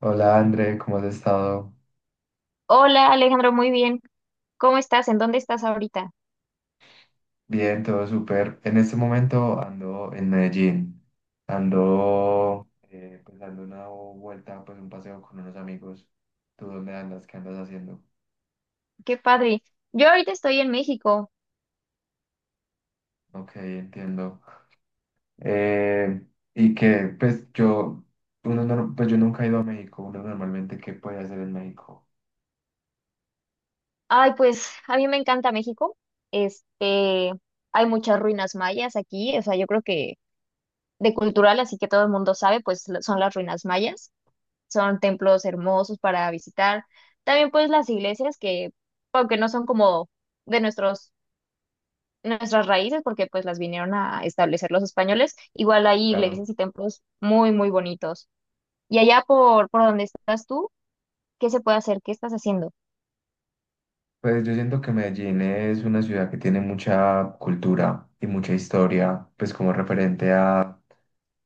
Hola André, ¿cómo has estado? Hola Alejandro, muy bien. ¿Cómo estás? ¿En dónde estás ahorita? Bien, todo súper. En este momento ando en Medellín. Ando pues dando una vuelta, pues un paseo con unos amigos. ¿Tú dónde andas? ¿Qué andas haciendo? Qué padre. Yo ahorita estoy en México. Ok, entiendo. Eh, y que pues yo, uno no- pues yo nunca he ido a México. Uno normalmente, ¿qué puede hacer en México? Ay, pues a mí me encanta México. Este, Hay muchas ruinas mayas aquí, o sea, yo creo que de cultural, así que todo el mundo sabe, pues son las ruinas mayas. Son templos hermosos para visitar. También pues las iglesias que, aunque no son como de nuestros nuestras raíces, porque pues las vinieron a establecer los españoles, igual hay Claro. iglesias y templos muy, muy bonitos. Y allá por donde estás tú, ¿qué se puede hacer? ¿Qué estás haciendo? Pues yo siento que Medellín es una ciudad que tiene mucha cultura y mucha historia, pues como referente a.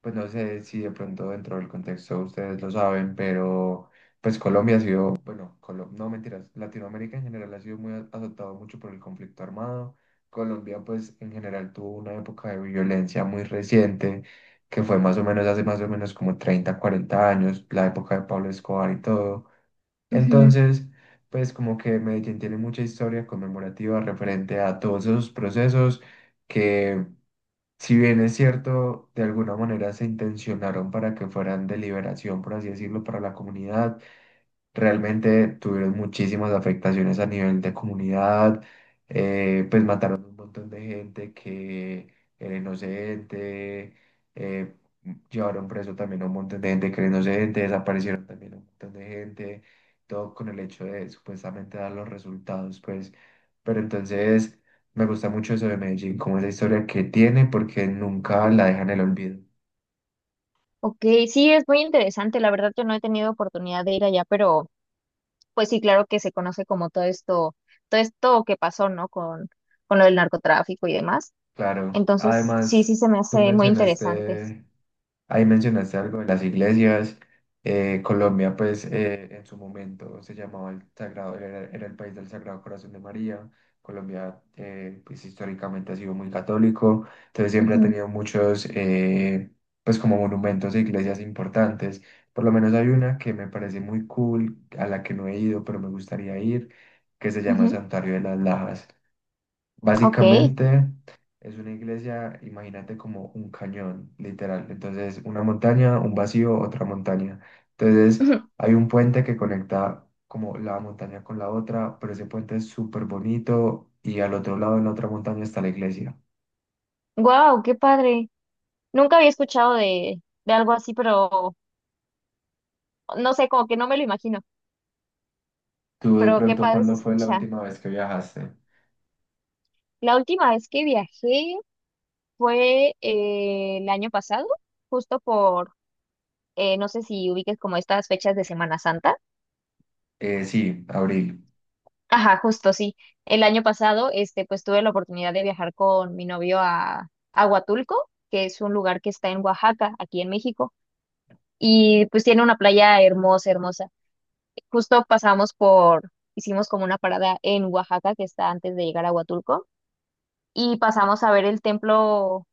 Pues no sé si de pronto dentro del contexto ustedes lo saben, pero pues Colombia ha sido, bueno, no mentiras, Latinoamérica en general ha sido muy azotado mucho por el conflicto armado. Colombia pues en general tuvo una época de violencia muy reciente, que fue más o menos hace más o menos como 30 40 años, la época de Pablo Escobar y todo. Ujú. Entonces, pues como que Medellín tiene mucha historia conmemorativa referente a todos esos procesos. Si bien es cierto, de alguna manera se intencionaron para que fueran de liberación, por así decirlo, para la comunidad, realmente tuvieron muchísimas afectaciones a nivel de comunidad. Pues mataron un montón de gente que era inocente. eh, Llevaron preso también a un montón de gente que era inocente, desaparecieron también a un montón de gente, todo con el hecho de supuestamente dar los resultados, pues, pero entonces me gusta mucho eso de Medellín, como esa historia que tiene, porque nunca la dejan en el olvido. Ok, sí, es muy interesante. La verdad, yo no he tenido oportunidad de ir allá, pero pues sí, claro que se conoce como todo esto que pasó, ¿no? Con lo del narcotráfico y demás. Claro, Entonces, sí, sí además, se me tú hace muy interesante. mencionaste ahí mencionaste algo de las iglesias. Colombia, pues, en su momento se llamaba el Sagrado, era el país del Sagrado Corazón de María. Colombia, pues, históricamente ha sido muy católico, entonces siempre ha Ujú, tenido muchos, pues, como monumentos e iglesias importantes. Por lo menos hay una que me parece muy cool, a la que no he ido, pero me gustaría ir, que se llama ujú. Santuario de las Lajas. Ok. Básicamente es una iglesia, imagínate como un cañón, literal. Entonces, una montaña, un vacío, otra montaña. Entonces, hay un puente que conecta como la montaña con la otra, pero ese puente es súper bonito y al otro lado, en la otra montaña, está la iglesia. Wow, qué padre. Nunca había escuchado de algo así, pero no sé, como que no me lo imagino. ¿Tú de Pero qué pronto padre se cuándo fue la escucha. última vez que viajaste? La última vez que viajé. Fue el año pasado, justo por, no sé si ubiques como estas fechas de Semana Santa. Sí, abril. Ajá, justo sí. El año pasado, pues tuve la oportunidad de viajar con mi novio a Huatulco, que es un lugar que está en Oaxaca, aquí en México, y pues tiene una playa hermosa, hermosa. Justo pasamos hicimos como una parada en Oaxaca, que está antes de llegar a Huatulco, y pasamos a ver el templo,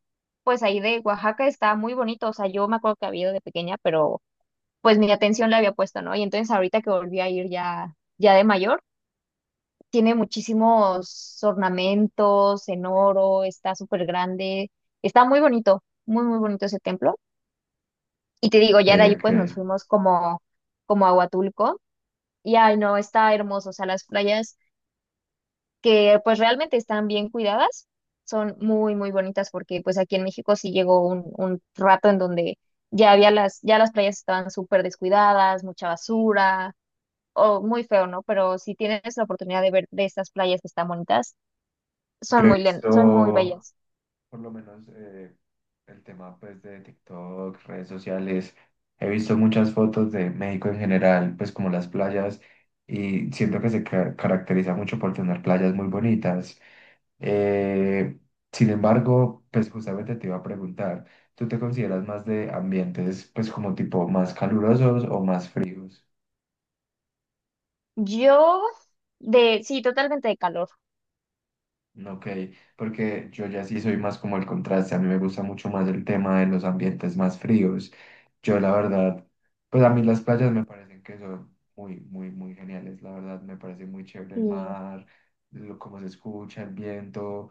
pues ahí de Oaxaca, está muy bonito. O sea, yo me acuerdo que había ido de pequeña, pero pues mi atención la había puesto, ¿no? Y entonces ahorita que volví a ir ya, ya de mayor, tiene muchísimos ornamentos en oro, está súper grande, está muy bonito, muy, muy bonito ese templo. Y te digo, Ok, ya de ahí pues nos ok. fuimos como a Huatulco y ay no, está hermoso, o sea, las playas que pues realmente están bien cuidadas. Son muy, muy bonitas porque pues aquí en México sí llegó un rato en donde ya había ya las playas estaban súper descuidadas, mucha basura, o muy feo, ¿no? Pero si tienes la oportunidad de ver de estas playas que están bonitas, Yo son he muy lindas, son muy visto bellas. por lo menos el tema pues de TikTok, redes sociales, he visto muchas fotos de México en general, pues como las playas, y siento que se caracteriza mucho por tener playas muy bonitas. Eh, sin embargo, pues justamente te iba a preguntar, ¿tú te consideras más de ambientes pues como tipo más calurosos o más fríos? Yo, de, sí, totalmente de calor. Ok, porque yo ya sí soy más como el contraste, a mí me gusta mucho más el tema de los ambientes más fríos. Yo la verdad, pues a mí las playas me parecen que son muy, muy, muy geniales, la verdad me parece muy chévere el Y, mar, lo, cómo se escucha, el viento,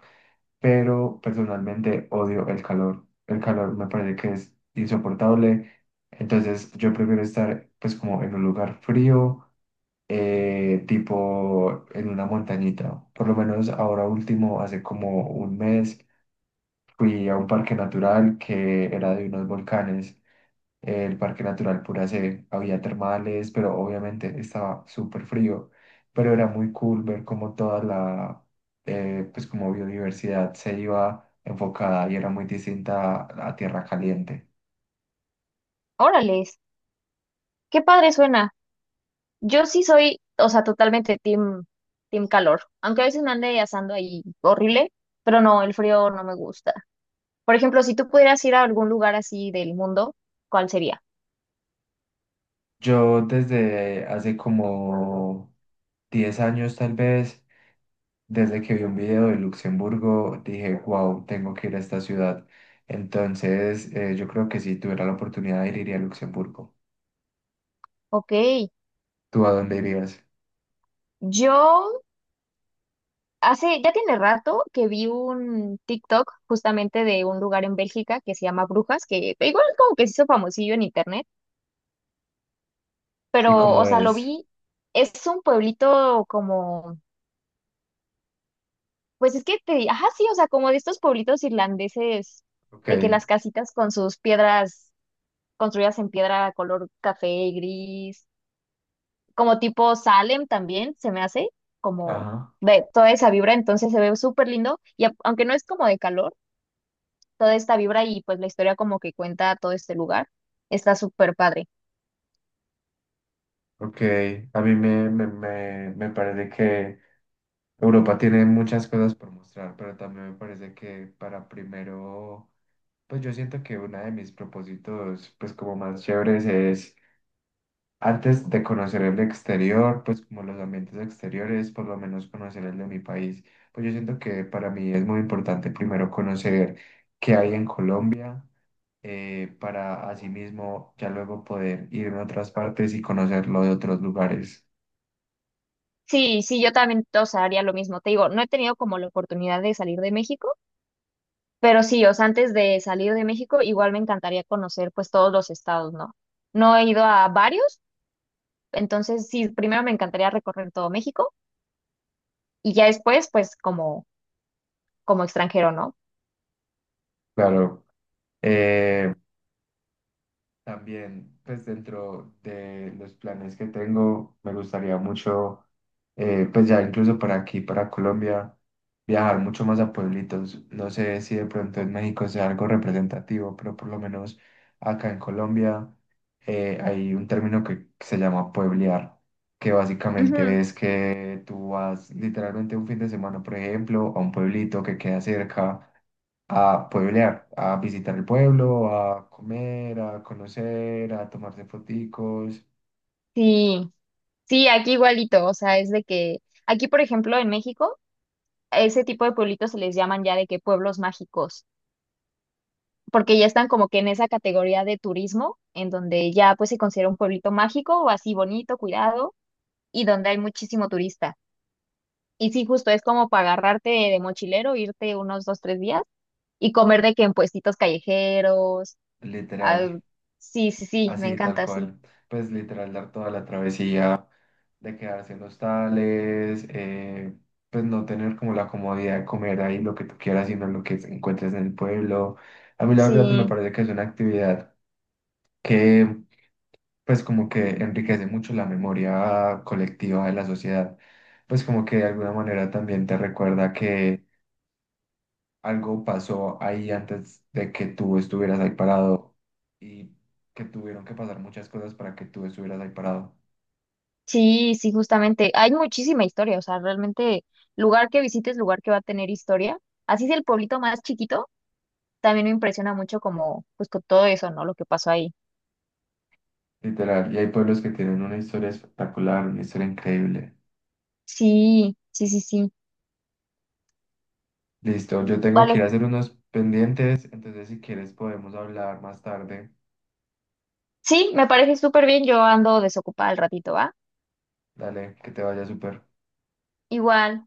pero personalmente odio el calor me parece que es insoportable, entonces yo prefiero estar pues como en un lugar frío, tipo en una montañita. Por lo menos ahora último, hace como un mes, fui a un parque natural que era de unos volcanes, el Parque Natural Puracé. Había termales, pero obviamente estaba súper frío, pero era muy cool ver cómo toda la, pues como biodiversidad se iba enfocada y era muy distinta a Tierra Caliente. órales, qué padre suena. Yo sí soy, o sea, totalmente team calor. Aunque a veces me ande asando ahí horrible, pero no, el frío no me gusta. Por ejemplo, si tú pudieras ir a algún lugar así del mundo, ¿cuál sería? Yo desde hace como 10 años tal vez, desde que vi un video de Luxemburgo, dije, wow, tengo que ir a esta ciudad. Entonces, yo creo que si tuviera la oportunidad de ir, iría a Luxemburgo. Ok, ¿Tú a dónde irías? yo hace, ya tiene rato que vi un TikTok justamente de un lugar en Bélgica que se llama Brujas, que igual como que se hizo famosillo en internet, ¿Y pero, cómo o sea, lo es? vi, es un pueblito como, pues es que te, ajá, sí, o sea, como de estos pueblitos irlandeses, Ok, de que las casitas con sus piedras construidas en piedra color café y gris, como tipo Salem también, se me hace, como ajá, de toda esa vibra, entonces se ve súper lindo, y aunque no es como de calor. Toda esta vibra y pues la historia como que cuenta todo este lugar. Está súper padre. ok. A mí me parece que Europa tiene muchas cosas por mostrar, pero también me parece que para primero, pues yo siento que uno de mis propósitos, pues como más chéveres es antes de conocer el exterior, pues como los ambientes exteriores, por lo menos conocer el de mi país, pues yo siento que para mí es muy importante primero conocer qué hay en Colombia, para asimismo ya luego poder ir a otras partes y conocer lo de otros lugares. Sí, sí, yo también, o sea, haría lo mismo. Te digo, no he tenido como la oportunidad de salir de México, pero sí, o sea, antes de salir de México, igual me encantaría conocer pues todos los estados, ¿no? No he ido a varios, entonces sí, primero me encantaría recorrer todo México y ya después pues como extranjero, ¿no? Claro. Eh, también, pues dentro de los planes que tengo, me gustaría mucho, pues ya incluso para aquí, para Colombia, viajar mucho más a pueblitos. No sé si de pronto en México sea algo representativo, pero por lo menos acá en Colombia hay un término que se llama pueblear, que básicamente Ujú. es que tú vas literalmente un fin de semana, por ejemplo, a un pueblito que queda cerca a pueblear, a visitar el pueblo, a comer, a conocer, a tomarse foticos, Sí, sí, aquí igualito, o sea, es de que aquí, por ejemplo, en México, a ese tipo de pueblitos se les llaman ya de que pueblos mágicos. Porque ya están como que en esa categoría de turismo, en donde ya pues se considera un pueblito mágico o así bonito, cuidado, y donde hay muchísimo turista. Y sí, justo es como para agarrarte de mochilero, irte unos 2, 3 días y comer de que en puestitos callejeros. literal, al- sí, sí, sí, me así tal encanta, sí. cual, pues literal dar toda la travesía de quedarse en hostales, pues no tener como la comodidad de comer ahí lo que tú quieras, sino lo que encuentres en el pueblo. A mí la verdad me Sí, parece que es una actividad que pues como que enriquece mucho la memoria colectiva de la sociedad, pues como que de alguna manera también te recuerda que algo pasó ahí antes de que tú estuvieras ahí parado y que tuvieron que pasar muchas cosas para que tú estuvieras ahí parado. sí, sí, justamente. Hay muchísima historia, o sea, realmente lugar que visites, lugar que va a tener historia. Así es el pueblito más chiquito, también me impresiona mucho como pues con todo eso, ¿no? Lo que pasó ahí. Literal, y hay pueblos que tienen una historia espectacular, una historia increíble. Sí, sí, sí, sí. Listo, yo tengo que Vale. ir a hacer unos pendientes, entonces si quieres podemos hablar más tarde. Sí, me parece súper bien. Yo ando desocupada al ratito, ¿va? Dale, que te vaya súper. Igual,